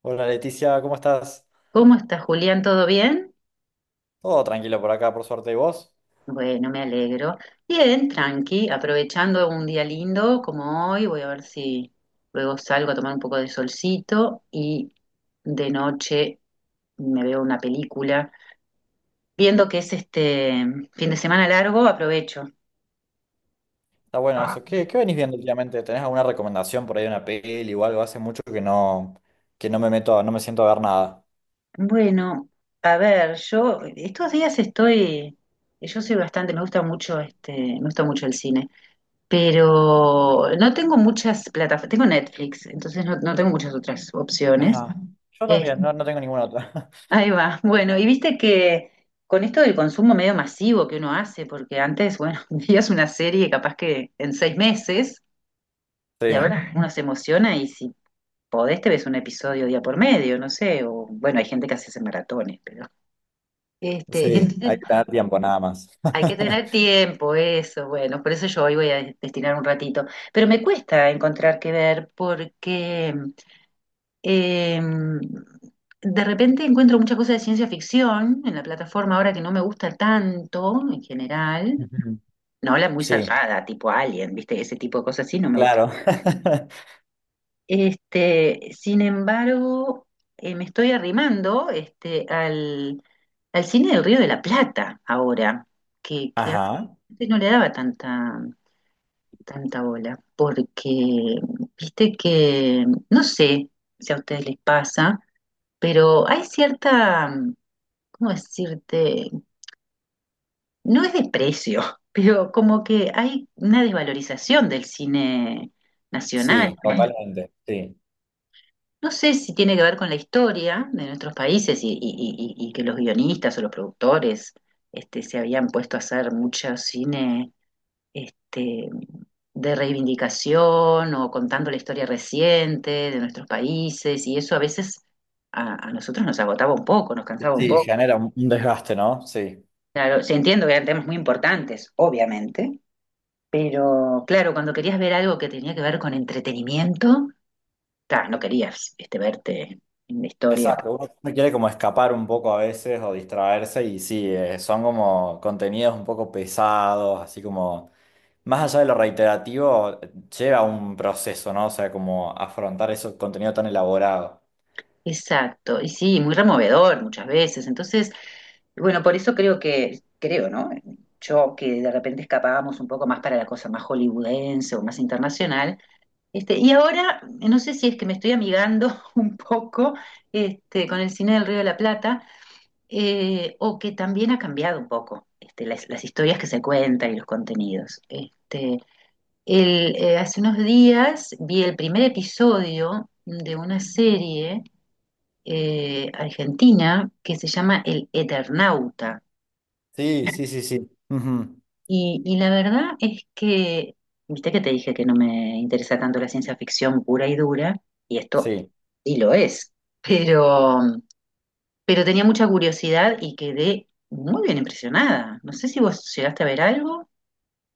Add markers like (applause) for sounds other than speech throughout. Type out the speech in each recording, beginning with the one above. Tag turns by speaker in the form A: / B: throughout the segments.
A: Hola Leticia, ¿cómo estás?
B: ¿Cómo está Julián? ¿Todo bien?
A: Todo tranquilo por acá, por suerte. ¿Y vos?
B: Bueno, me alegro. Bien, tranqui, aprovechando un día lindo como hoy, voy a ver si luego salgo a tomar un poco de solcito y de noche me veo una película. Viendo que es fin de semana largo, aprovecho.
A: Está bueno eso. ¿Qué venís viendo últimamente? ¿Tenés alguna recomendación por ahí de una peli o algo? Hace mucho que no me meto, no me siento a ver nada.
B: Bueno, a ver, yo estos días estoy, yo soy bastante, me gusta mucho me gusta mucho el cine, pero no tengo muchas plataformas, tengo Netflix, entonces no tengo muchas otras opciones.
A: Ajá. Yo
B: Este,
A: también, no, no tengo ninguna otra. (laughs)
B: ahí va, bueno, y viste que con esto del consumo medio masivo que uno hace, porque antes, bueno, (laughs) veías una serie capaz que en seis meses, y
A: Sí,
B: ahora uno se emociona y si podés te ves un episodio día por medio, no sé, o bueno, hay gente que hace ese maratones, pero... Este,
A: sí, hay
B: entonces
A: que tener tiempo nada más.
B: hay que tener
A: (laughs)
B: tiempo, eso, bueno, por eso yo hoy voy a destinar un ratito. Pero me cuesta encontrar qué ver porque eh, de repente encuentro muchas cosas de ciencia ficción en la plataforma ahora que no me gusta tanto en general.
A: Ujú.
B: No la muy
A: Sí,
B: zarpada, tipo Alien, ¿viste? Ese tipo de cosas así no me gusta.
A: claro. (laughs)
B: Sin embargo, me estoy arrimando al cine del Río de la Plata ahora, que
A: Ajá.
B: antes no le daba tanta bola, porque viste que no sé si a ustedes les pasa, pero hay ¿cómo decirte? No es desprecio, (laughs) pero como que hay una desvalorización del cine nacional.
A: Sí, totalmente. Sí.
B: No sé si tiene que ver con la historia de nuestros países y que los guionistas o los productores se habían puesto a hacer mucho cine este, de reivindicación o contando la historia reciente de nuestros países y eso a veces a nosotros nos agotaba un poco, nos cansaba un
A: Sí,
B: poco.
A: genera un desgaste, ¿no? Sí.
B: Claro, sí, entiendo que eran temas muy importantes, obviamente, pero claro, cuando querías ver algo que tenía que ver con entretenimiento, ta, no querías verte en la historia.
A: Exacto, uno quiere como escapar un poco a veces o distraerse y sí, son como contenidos un poco pesados, así como, más allá de lo reiterativo, lleva un proceso, ¿no? O sea, como afrontar ese contenido tan elaborado.
B: Exacto, y sí, muy removedor muchas veces. Entonces, bueno, por eso creo que, creo, ¿no? Yo que de repente escapábamos un poco más para la cosa más hollywoodense o más internacional. Y ahora, no sé si es que me estoy amigando (laughs) un poco con el cine del Río de la Plata, o que también ha cambiado un poco las historias que se cuentan y los contenidos. Hace unos días vi el primer episodio de una serie argentina que se llama El Eternauta.
A: Sí, sí, sí, sí. Ujú.
B: Y la verdad es que, viste que te dije que no me interesa tanto la ciencia ficción pura y dura, y esto
A: Sí.
B: sí lo es, pero, pero tenía mucha curiosidad y quedé muy bien impresionada. No sé si vos llegaste a ver algo.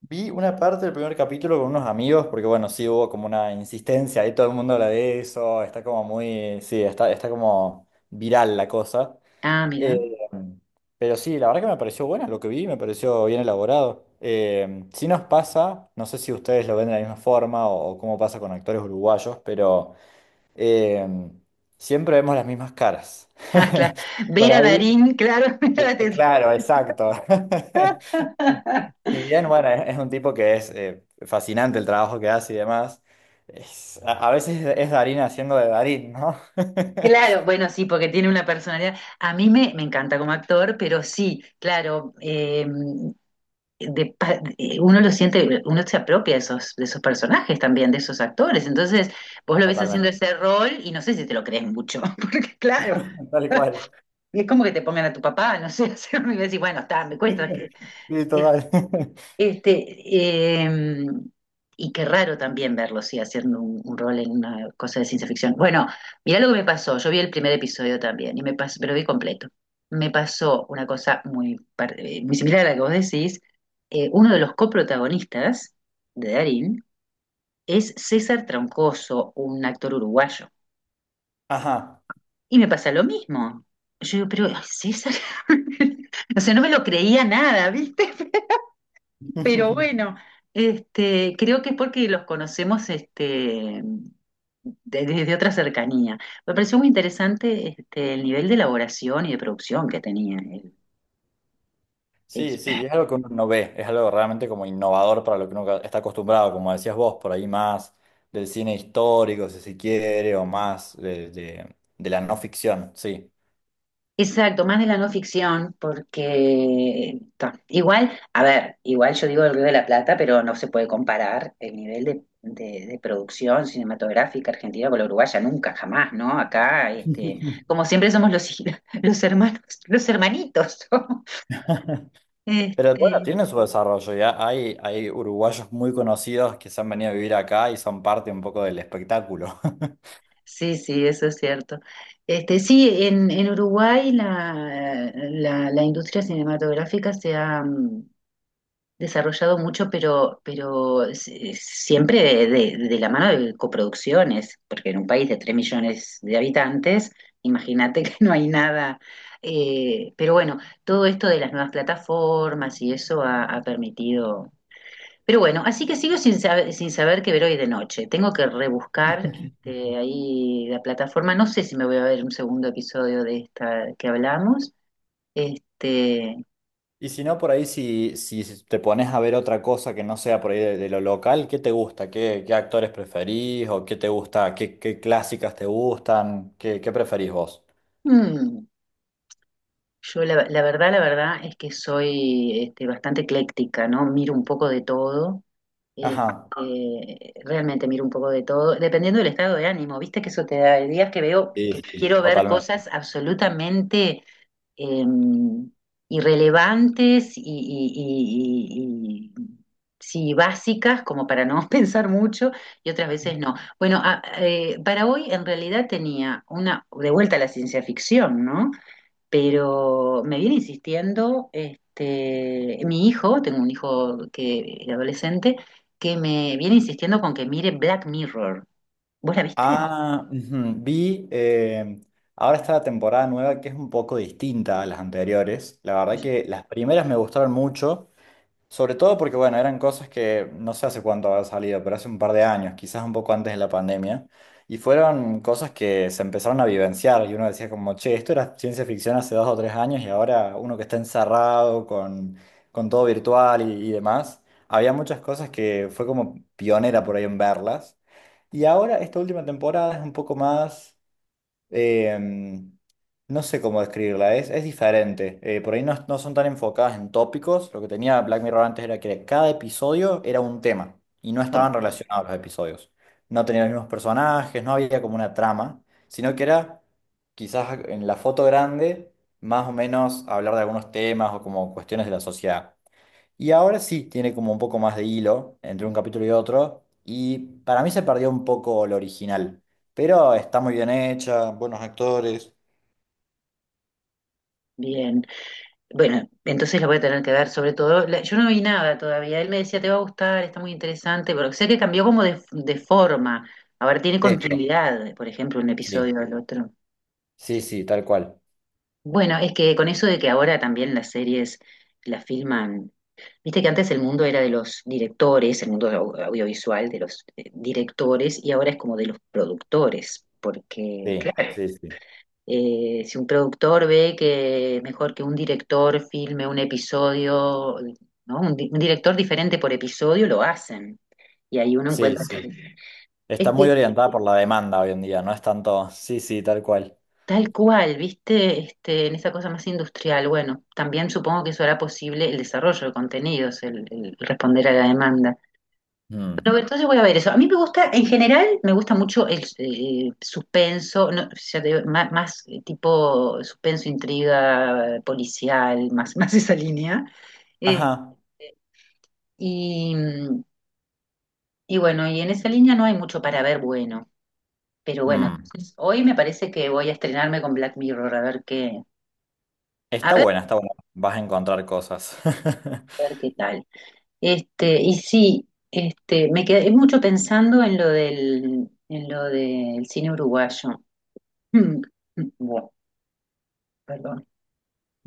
A: Vi una parte del primer capítulo con unos amigos, porque bueno, sí hubo como una insistencia, ahí todo el mundo habla de eso, está como muy, sí, está, está como viral la cosa.
B: Ah,
A: Eh,
B: mira. (laughs)
A: pero sí, la verdad que me pareció buena lo que vi, me pareció bien elaborado. Sí nos pasa, no sé si ustedes lo ven de la misma forma o cómo pasa con actores uruguayos, pero eh, siempre vemos las mismas caras.
B: Ah, claro.
A: (laughs) Por
B: Vera
A: ahí,
B: Darín, claro. (laughs) mira,
A: claro, exacto. (laughs)
B: (laughs)
A: Si bien, bueno, es un tipo que es fascinante el trabajo que hace y demás, a veces es Darín haciendo de Darín, ¿no? (laughs)
B: Claro, bueno, sí, porque tiene una personalidad. A mí me encanta como actor, pero sí, claro, uno lo siente, uno se apropia de esos personajes también, de esos actores. Entonces, vos lo ves haciendo
A: Totalmente.
B: ese rol y no sé si te lo crees mucho, (laughs) porque claro,
A: Tal cual. (laughs)
B: y es como que te pongan a tu papá, no sé, (laughs) y decís, bueno, está, me cuesta.
A: Sí,
B: eh,
A: total. (laughs)
B: este, eh, y qué raro también verlo, sí, haciendo un rol en una cosa de ciencia ficción. Bueno, mirá lo que me pasó. Yo vi el primer episodio también, y me pasó, pero vi completo. Me pasó una cosa muy similar a la que vos decís. Uno de los coprotagonistas de Darín es César Troncoso, un actor uruguayo.
A: Ajá.
B: Y me pasa lo mismo. Yo digo, pero ay, César, (laughs) o sea, no me lo creía nada, ¿viste? Pero
A: (laughs)
B: bueno, creo que es porque los conocemos desde otra cercanía. Me pareció muy interesante el nivel de elaboración y de producción que tenía él el-
A: Sí, sí, y es algo que uno no ve, es algo realmente como innovador para lo que uno está acostumbrado, como decías vos, por ahí más del cine histórico, si se quiere, o más de la no ficción, sí.
B: Exacto, más de la no ficción, porque ta, igual, a ver, igual yo digo el Río de la Plata, pero no se puede comparar el nivel de producción cinematográfica argentina con la uruguaya, nunca, jamás, ¿no? Acá,
A: (laughs)
B: como siempre somos los (laughs) los hermanos, los hermanitos. ¿No?
A: Pero bueno,
B: Este,
A: tiene su desarrollo, ya hay uruguayos muy conocidos que se han venido a vivir acá y son parte un poco del espectáculo.
B: sí, sí, eso es cierto. Sí, en Uruguay la industria cinematográfica se ha desarrollado mucho, pero siempre de la mano de coproducciones, porque en un país de 3 millones de habitantes, imagínate que no hay nada. Pero bueno, todo esto de las nuevas plataformas y eso ha permitido. Pero bueno, así que sigo sin saber, sin saber qué ver hoy de noche. Tengo que rebuscar
A: (laughs)
B: ahí la plataforma. No sé si me voy a ver un segundo episodio de esta que hablamos. Este,
A: Y si no, por ahí, si, si te pones a ver otra cosa que no sea por ahí de lo local, ¿qué te gusta? ¿Qué actores preferís? ¿O qué te gusta? ¿Qué clásicas te gustan? ¿Qué preferís vos?
B: mm, yo la verdad es que soy bastante ecléctica, ¿no? Miro un poco de todo. eh,
A: Ajá.
B: realmente miro un poco de todo, dependiendo del estado de ánimo, viste que eso te da, hay días que veo que
A: Sí, sí,
B: quiero ver
A: totalmente.
B: cosas absolutamente eh, irrelevantes y sí, básicas, como para no (laughs) pensar mucho, y otras veces no. Bueno, para hoy en realidad tenía una, de vuelta a la ciencia ficción, ¿no? Pero me viene insistiendo, mi hijo, tengo un hijo que es adolescente, que me viene insistiendo con que mire Black Mirror. ¿Vos la viste?
A: Ah, ujú. Vi, ahora está la temporada nueva que es un poco distinta a las anteriores. La verdad que las primeras me gustaron mucho. Sobre todo porque, bueno, eran cosas que no sé hace cuánto había salido, pero hace un par de años, quizás un poco antes de la pandemia, y fueron cosas que se empezaron a vivenciar y uno decía como, che, esto era ciencia ficción hace dos o tres años y ahora uno que está encerrado con todo virtual y demás, había muchas cosas que fue como pionera por ahí en verlas. Y ahora esta última temporada es un poco más eh, no sé cómo describirla, es diferente. Por ahí no, no son tan enfocadas en tópicos. Lo que tenía Black Mirror antes era que cada episodio era un tema y no
B: "No,
A: estaban relacionados los episodios. No tenían los mismos personajes, no había como una trama, sino que era quizás en la foto grande más o menos hablar de algunos temas o como cuestiones de la sociedad. Y ahora sí tiene como un poco más de hilo entre un capítulo y otro. Y para mí se perdió un poco lo original. Pero está muy bien hecha, buenos actores.
B: bien. Bueno, entonces la voy a tener que ver, sobre todo, yo no vi nada todavía. Él me decía, te va a gustar, está muy interesante, pero sé que cambió como de forma. Ahora tiene
A: Eso,
B: continuidad, por ejemplo, un
A: sí.
B: episodio al otro.
A: Sí, sí, tal cual.
B: Bueno, es que con eso de que ahora también las series las filman, viste que antes el mundo era de los directores, el mundo audiovisual de los directores y ahora es como de los productores, porque
A: Sí,
B: claro.
A: sí, sí.
B: Si un productor ve que es mejor que un director filme un episodio, ¿no? Un director diferente por episodio, lo hacen. Y ahí uno
A: Sí,
B: encuentra...
A: sí.
B: (laughs)
A: Está
B: Sí.
A: muy orientada por la demanda hoy en día, no es tanto. Sí, sí, tal cual.
B: Tal cual, viste, en esa cosa más industrial. Bueno, también supongo que eso hará posible el desarrollo de contenidos, el responder a la demanda.
A: Mm.
B: Pero entonces voy a ver eso. A mí me gusta, en general, me gusta mucho el suspenso, no, ya te digo, más, tipo suspenso, intriga, policial, más, (laughs) más esa línea. Eh,
A: Ajá.
B: y, mm, y bueno, y en esa línea no hay mucho para ver bueno. Pero bueno,
A: Mm.
B: hoy me parece que voy a estrenarme con Black Mirror, a ver a
A: Está
B: ver,
A: buena, está buena. Vas a encontrar cosas.
B: a
A: (laughs)
B: ver qué tal. Y sí, me quedé mucho pensando en lo en lo del cine uruguayo. (clears throat) Bueno, perdón.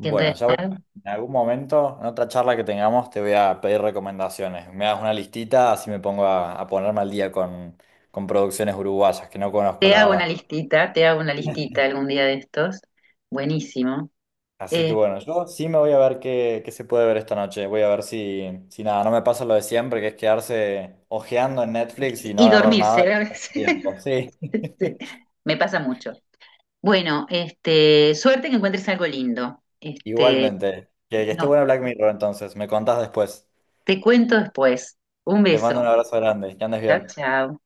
B: Que en
A: ya voy
B: realidad
A: a- en algún momento, en otra charla que tengamos, te voy a pedir recomendaciones. Me das una listita, así me pongo a ponerme al día con producciones uruguayas que no conozco,
B: te
A: la
B: hago una
A: verdad.
B: listita, te hago una listita algún día de estos. Buenísimo.
A: Así que
B: Eh,
A: bueno, yo sí me voy a ver qué se puede ver esta noche. Voy a ver si, si nada, no me pasa lo de siempre, que es quedarse ojeando en Netflix y no
B: y
A: agarrar nada de
B: dormirse a veces.
A: tiempo. Sí,
B: (laughs) Sí, me pasa mucho. Bueno, suerte que encuentres algo lindo.
A: (laughs) igualmente. Que esté
B: No,
A: bueno Black Mirror, entonces. Me contás después.
B: te cuento después. Un
A: Te mando un
B: beso.
A: abrazo grande. Que andes
B: Chao,
A: bien.
B: chao.